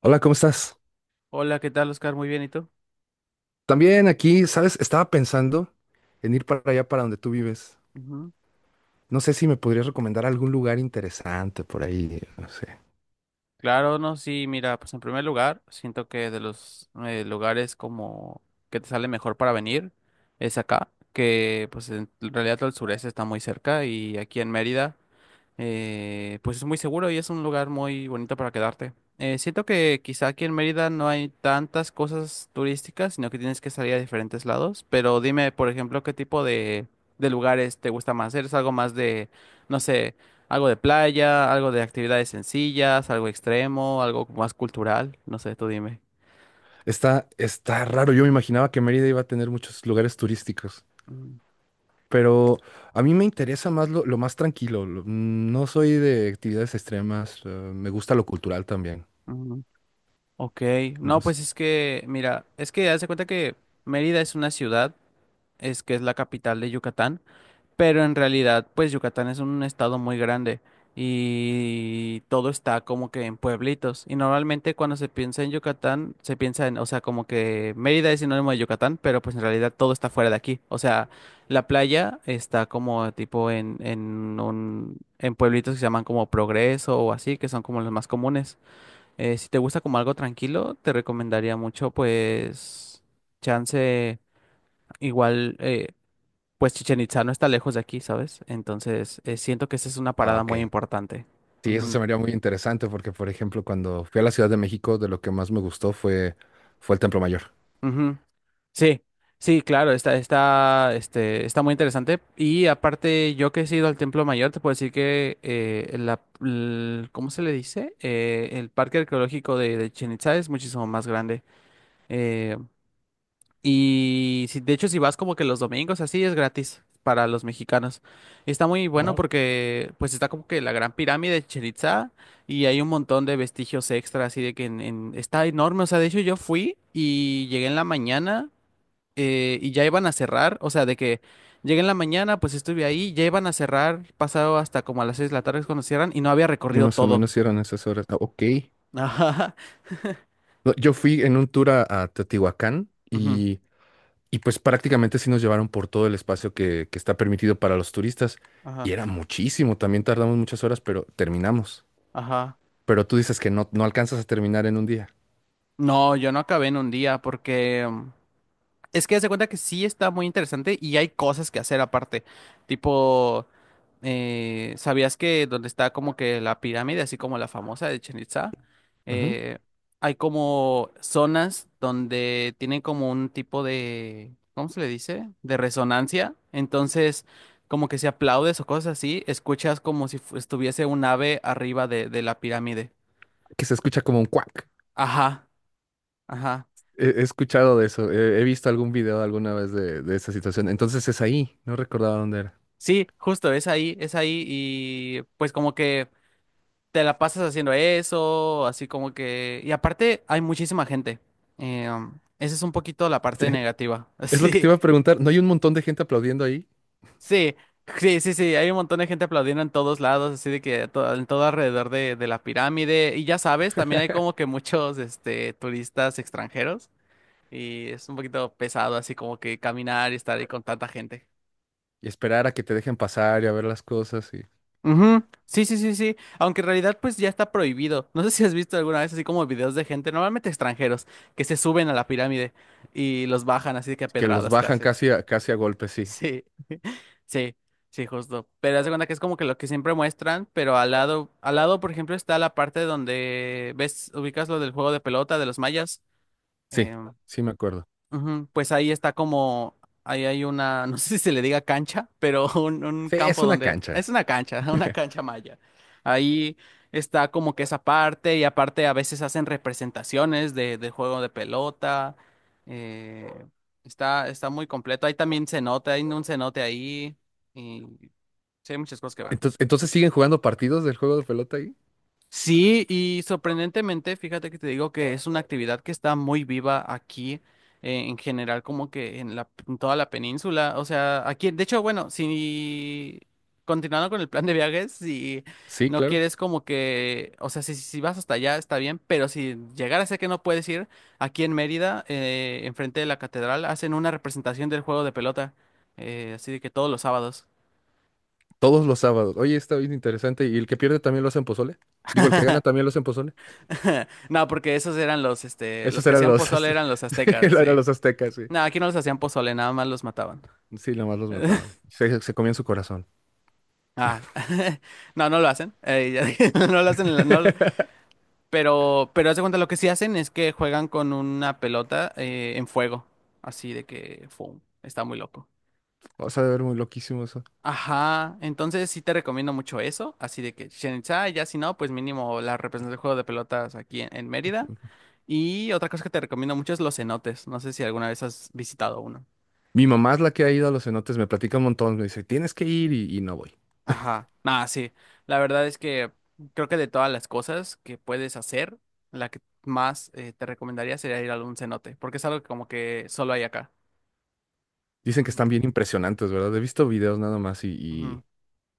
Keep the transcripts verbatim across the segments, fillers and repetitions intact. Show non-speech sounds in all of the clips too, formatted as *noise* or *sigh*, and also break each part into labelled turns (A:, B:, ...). A: Hola, ¿cómo estás?
B: Hola, ¿qué tal, Oscar? Muy bien, ¿y tú?
A: También aquí, ¿sabes? Estaba pensando en ir para allá, para donde tú vives.
B: Ujú.
A: No sé si me podrías recomendar algún lugar interesante por ahí, no sé.
B: Claro, no, sí, mira, pues en primer lugar, siento que de los eh, lugares como que te sale mejor para venir es acá, que pues en realidad todo el sureste está muy cerca y aquí en Mérida. eh, pues es muy seguro y es un lugar muy bonito para quedarte. Eh, siento que quizá aquí en Mérida no hay tantas cosas turísticas, sino que tienes que salir a diferentes lados. Pero dime, por ejemplo, qué tipo de, de lugares te gusta más. ¿Eres algo más de, no sé, algo de playa, algo de actividades sencillas, algo extremo, algo más cultural? No sé, tú dime.
A: Está, está raro, yo me imaginaba que Mérida iba a tener muchos lugares turísticos,
B: Mm,
A: pero a mí me interesa más lo, lo más tranquilo. Lo- mm, no soy de actividades extremas, eh, me gusta lo cultural también.
B: mm, Ok,
A: No
B: no,
A: sé.
B: pues es que, mira, es que haz de cuenta que Mérida es una ciudad, es que es la capital de Yucatán. Pero en realidad, pues Yucatán es un estado muy grande y todo está como que en pueblitos. Y normalmente cuando se piensa en Yucatán, se piensa en, o sea, como que Mérida es sinónimo de Yucatán, pero pues en realidad todo está fuera de aquí. O sea, la playa está como tipo en, en un, en pueblitos que se llaman como Progreso o así, que son como los más comunes. Eh, si te gusta como algo tranquilo, te recomendaría mucho, pues, chance igual. Eh, pues Chichen Itza no está lejos de aquí, ¿sabes? Entonces, eh, siento que esa es una
A: Ah,
B: parada muy
A: ok.
B: importante.
A: Sí, eso
B: Ujú,
A: se me haría muy interesante porque, por ejemplo, cuando fui a la Ciudad de México, de lo que más me gustó fue, fue el Templo Mayor.
B: ujú. Sí, sí, claro, está, está, este, está muy interesante. Y aparte, yo que he ido al Templo Mayor, te puedo decir que eh, la, l- ¿cómo se le dice? Eh, el parque arqueológico de, de Chichén Itzá es muchísimo más grande. Eh, Y si, de hecho, si vas como que los domingos, así es gratis para los mexicanos. Y está muy bueno porque pues está como que la gran pirámide de Chichén Itzá y hay un montón de vestigios extra, así de que en, en- está enorme. O sea, de hecho yo fui y llegué en la mañana eh, y ya iban a cerrar. O sea, de que llegué en la mañana, pues estuve ahí, ya iban a cerrar, pasado hasta como a las seis de la tarde es cuando cierran y no había
A: Y
B: recorrido
A: más o
B: todo.
A: menos sí eran esas horas. Ah, ok.
B: *laughs* Ajá,
A: No, yo fui en un tour a, a Teotihuacán
B: ujú,
A: y, y pues prácticamente sí nos llevaron por todo el espacio que, que está permitido para los turistas. Y
B: ajá,
A: era muchísimo, también tardamos muchas horas, pero terminamos.
B: ajá.
A: Pero tú dices que no, no alcanzas a terminar en un día.
B: No, yo no acabé en un día porque... mm, Es que hace cuenta que sí está muy interesante y hay cosas que hacer aparte. Tipo, eh, ¿sabías que donde está como que la pirámide, así como la famosa de Chichén Itzá,
A: Ujú.
B: eh, hay como zonas donde tienen como un tipo de, ¿cómo se le dice? De resonancia. Entonces, como que si aplaudes o cosas así, escuchas como si fu- estuviese un ave arriba de, de la pirámide.
A: Que se escucha como un cuac.
B: Ajá, ajá.
A: He, he escuchado de eso, he, he visto algún video alguna vez de, de esa situación. Entonces es ahí, no recordaba dónde era.
B: Sí, justo, es ahí, es ahí y pues como que... te la pasas haciendo eso, así como que... Y aparte hay muchísima gente. Eh, um, esa es un poquito la parte
A: *laughs*
B: negativa. *laughs*
A: Es lo que te iba a preguntar, ¿no hay un montón de gente aplaudiendo ahí?
B: Sí, sí, sí, sí, sí. Hay un montón de gente aplaudiendo en todos lados, así de que to- en todo alrededor de, de la pirámide. Y ya sabes, también hay como que muchos este, turistas extranjeros. Y es un poquito pesado así como que caminar y estar ahí con tanta gente.
A: Y esperar a que te dejen pasar y a ver las cosas.
B: Ujú, sí, sí, sí, sí. Aunque en realidad pues ya está prohibido. *laughs* No sé si has visto alguna vez así como videos de gente, normalmente extranjeros, que se suben a la pirámide y los bajan así de que a
A: Que los
B: pedradas
A: bajan
B: casi.
A: casi a, casi a golpe, sí.
B: Sí, *laughs* sí, sí, justo. Pero haz de cuenta que es como que lo que siempre muestran, pero al lado, al lado, por ejemplo, está la parte donde ves, ubicas lo del juego de pelota de los mayas.
A: Sí,
B: Em,
A: sí me acuerdo.
B: Ujú. Pues ahí está como, ahí hay una, *laughs* no sé si se le diga cancha, pero un, un
A: Sí, es
B: campo
A: una
B: donde, es
A: cancha.
B: una cancha, *laughs* una
A: *laughs*
B: cancha maya. Ahí está como que esa parte y aparte a veces hacen representaciones de, del juego de pelota. eh, está, está muy completo. Ahí también cenote, hay un cenote ahí y sí, hay muchas cosas que ver.
A: Entonces, entonces siguen jugando partidos del juego de pelota ahí.
B: Sí, y sorprendentemente, fíjate que te digo que es una actividad que está muy viva aquí, eh, en general, como que en la, en toda la península. O sea, aquí, de hecho, bueno, si continuando con el plan de viajes, si
A: Sí,
B: no
A: claro.
B: quieres como que, o sea, si, si vas hasta allá está bien, pero si llegara a ser que no puedes ir, aquí en Mérida, eh, enfrente de la catedral, hacen una representación del juego de pelota, eh, así de que todos los sábados.
A: Todos los sábados. Oye, está bien interesante. ¿Y el que pierde también lo hacen pozole? Digo, el que gana
B: *laughs*
A: también lo hacen pozole.
B: *laughs* No, porque esos eran los, este, los
A: Esos
B: que
A: eran
B: hacían
A: los,
B: pozole
A: azte-
B: eran los
A: *laughs*
B: aztecas,
A: eran
B: sí.
A: los aztecas, sí.
B: No, aquí no los hacían pozole, nada más los mataban.
A: Sí, nomás los mataban.
B: *laughs*
A: Se, se comían su corazón.
B: Ah, *laughs* no, no lo hacen. Eh, ya dije, *laughs* no lo hacen, en la- no lo- pero, pero haz de cuenta, lo que sí hacen es que juegan con una pelota eh, en fuego. Así de que, fum, está muy loco.
A: O sea, a ver, muy loquísimo eso.
B: Ajá, entonces sí te recomiendo mucho eso. Así de que Chichén Itzá, ya si no, pues mínimo la representación del juego de pelotas aquí en, en Mérida. Y otra cosa que te recomiendo mucho es los cenotes. No sé si alguna vez has visitado uno.
A: Mi mamá es la que ha ido a los cenotes, me platica un montón, me dice, tienes que ir y, y no voy.
B: Ajá, nada, sí. La verdad es que creo que de todas las cosas que puedes hacer, la que más eh, te recomendaría sería ir a un cenote, porque es algo que como que solo hay acá.
A: Dicen que
B: Ujú,
A: están bien impresionantes, ¿verdad? He visto videos nada más
B: ujú.
A: y,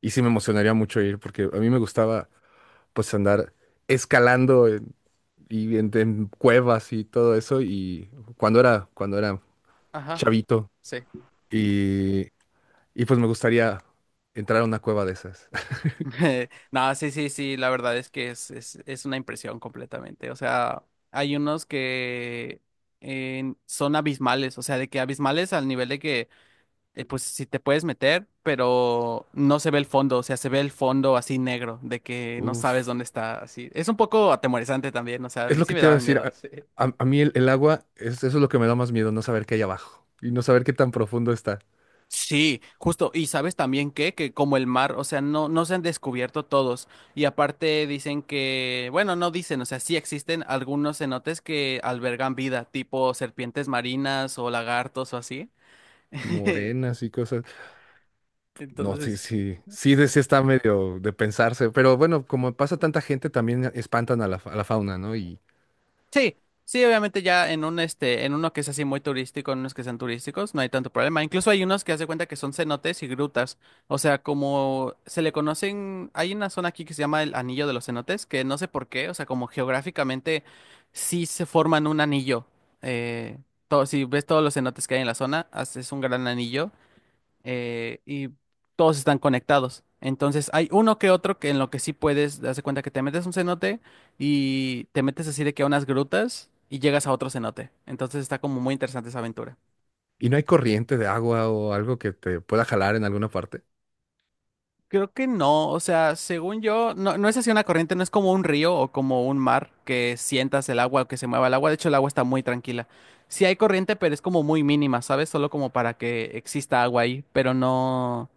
A: Y sí me emocionaría mucho ir porque a mí me gustaba pues andar escalando en- y en, en cuevas y todo eso y cuando era cuando era
B: Ajá,
A: chavito
B: sí.
A: y, y pues me gustaría entrar a una cueva de esas.
B: *laughs* Nada, sí, sí, sí, la verdad es que es, es, es una impresión completamente. O sea, hay unos que eh, son abismales, o sea, de que abismales al nivel de que eh, pues si te puedes meter, pero no se ve el fondo, o sea, se ve el fondo así negro, de
A: *laughs*
B: que no sabes
A: Uf,
B: dónde está, así. Es un poco atemorizante también, o sea, a
A: es
B: mí
A: lo
B: sí
A: que
B: me
A: te iba a
B: daban
A: decir.
B: miedo.
A: A,
B: Sí,
A: a- a mí el, el agua es, eso es lo que me da más miedo, no saber qué hay abajo y no saber qué tan profundo está.
B: sí, justo, y sabes también que, que como el mar, o sea, no, no se han descubierto todos, y aparte dicen que, bueno, no dicen, o sea, sí existen algunos cenotes que albergan vida, tipo serpientes marinas o lagartos o así. *laughs*
A: Morenas y cosas. No, sí,
B: Entonces,
A: sí, sí, de,
B: sí.
A: sí está medio de pensarse, pero bueno, como pasa tanta gente, también espantan a la, fa- a la fauna, ¿no?
B: Sí, sí, obviamente ya en un este, en uno que es así muy turístico, en unos que sean turísticos, no hay tanto problema. Incluso hay unos que hace cuenta que son cenotes y grutas. O sea, como se le conocen, hay una zona aquí que se llama el Anillo de los Cenotes, que no sé por qué, o sea, como geográficamente sí se forman un anillo. Eh, Todo, si ves todos los cenotes que hay en la zona, hace- es un gran anillo eh, y todos están conectados. Entonces hay uno que otro que en lo que sí puedes, darse cuenta que te metes a un cenote y te metes así de que a unas grutas y llegas a otro cenote. Entonces está como muy interesante esa aventura.
A: ¿Y no hay corriente de agua o algo que te pueda jalar en alguna parte?
B: Creo que no, o sea, según yo, no, no es así una corriente, no es como un río o como un mar que sientas el agua o que se mueva el agua. De hecho, el agua está muy tranquila. Sí hay corriente, pero es como muy mínima, ¿sabes? Solo como para que exista agua ahí, pero no,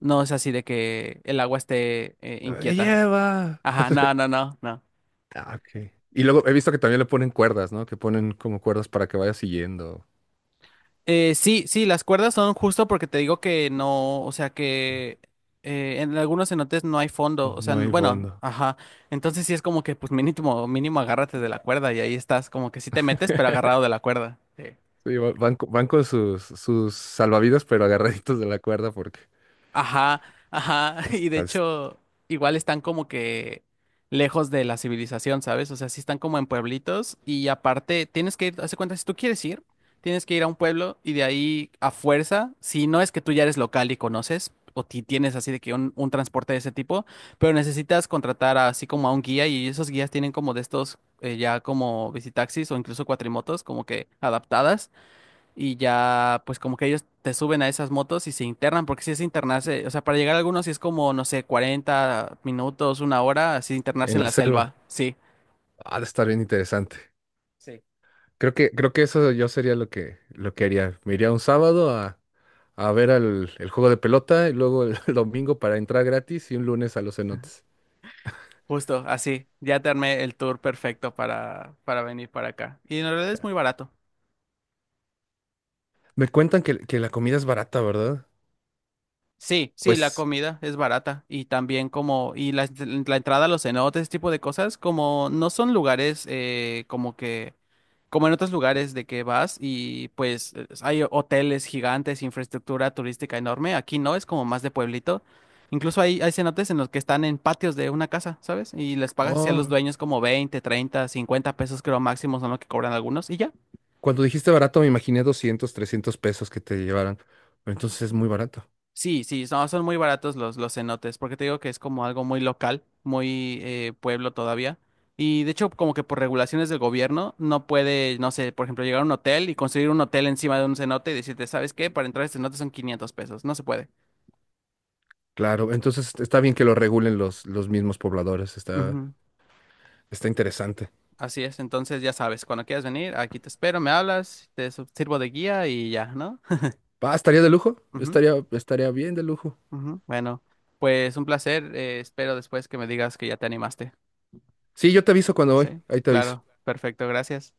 B: no es así de que el agua esté eh,
A: ¡Me
B: inquieta.
A: lleva!
B: Ajá, no, no, no, no.
A: Ah, ok. Y luego he visto que también le ponen cuerdas, ¿no? Que ponen como cuerdas para que vaya siguiendo.
B: Eh, sí, sí, las cuerdas son justo porque te digo que no, o sea que eh, en algunos cenotes no hay fondo, o sea,
A: No
B: n-
A: hay
B: bueno,
A: fondo.
B: ajá. Entonces sí es como que pues mínimo, mínimo agárrate de la cuerda y ahí estás, como que sí te metes, pero agarrado de la cuerda. Sí.
A: Sí, va- van, co- van con sus, sus salvavidas, pero agarraditos de la cuerda porque
B: Ajá, ajá, *laughs* y de
A: hasta es-
B: hecho, igual están como que lejos de la civilización, ¿sabes? O sea, sí están como en pueblitos y aparte tienes que ir, hace cuenta, si tú quieres ir, tienes que ir a un pueblo y de ahí a fuerza, si no es que tú ya eres local y conoces o ti tienes así de que un, un transporte de ese tipo, pero necesitas contratar así como a un guía y esos guías tienen como de estos eh, ya como visitaxis o incluso cuatrimotos como que adaptadas y ya pues como que ellos te suben a esas motos y se internan, porque si es internarse, o sea, para llegar a algunos sí es como, no sé, cuarenta minutos, una hora, así internarse
A: en
B: en
A: la
B: la
A: selva.
B: selva, sí,
A: Ha de estar bien interesante.
B: sí.
A: Creo que, creo que eso yo sería lo que, lo que haría. Me iría un sábado a, a ver al- el juego de pelota y luego el, *laughs* el domingo para entrar gratis y un lunes a los cenotes.
B: Justo, así, ya te armé el tour perfecto para, para, venir para acá. Y en realidad es muy barato.
A: Me cuentan que, que la comida es barata, ¿verdad?
B: Sí, sí, la
A: Pues,
B: comida es barata y también como, y la, la entrada a los cenotes, ese tipo de cosas, como no son lugares eh, como que como en otros lugares de que vas y pues eh, hay hoteles gigantes, infraestructura turística enorme. Aquí no, es como más de pueblito. Incluso hay, hay cenotes en los que están en patios de una casa, ¿sabes? Y les pagas así a los
A: oh,
B: dueños como veinte, treinta, cincuenta pesos creo máximo son lo que cobran algunos y ya.
A: cuando dijiste barato me imaginé doscientos, trescientos pesos que te llevaran. Pero entonces es muy barato.
B: Sí, sí, son, son muy baratos los, los cenotes, porque te digo que es como algo muy local, muy eh, pueblo todavía. Y de hecho, como que por regulaciones del gobierno, no puede, no sé, por ejemplo, llegar a un hotel y construir un hotel encima de un cenote y decirte, ¿sabes qué? Para entrar a este cenote son quinientos pesos, no se puede.
A: Claro, entonces está bien que lo regulen los, los mismos pobladores. Está,
B: Ujú,
A: está interesante.
B: así es, entonces ya sabes, cuando quieras venir, aquí te espero, me hablas, te su- sirvo de guía y ya, ¿no? *laughs*
A: Ah, estaría de lujo.
B: Ujú,
A: Estaría, estaría bien de lujo.
B: ujú, bueno, pues un placer, eh, espero después que me digas que ya te animaste.
A: Sí, yo te aviso cuando voy.
B: Sí,
A: Ahí te aviso.
B: claro, perfecto, gracias.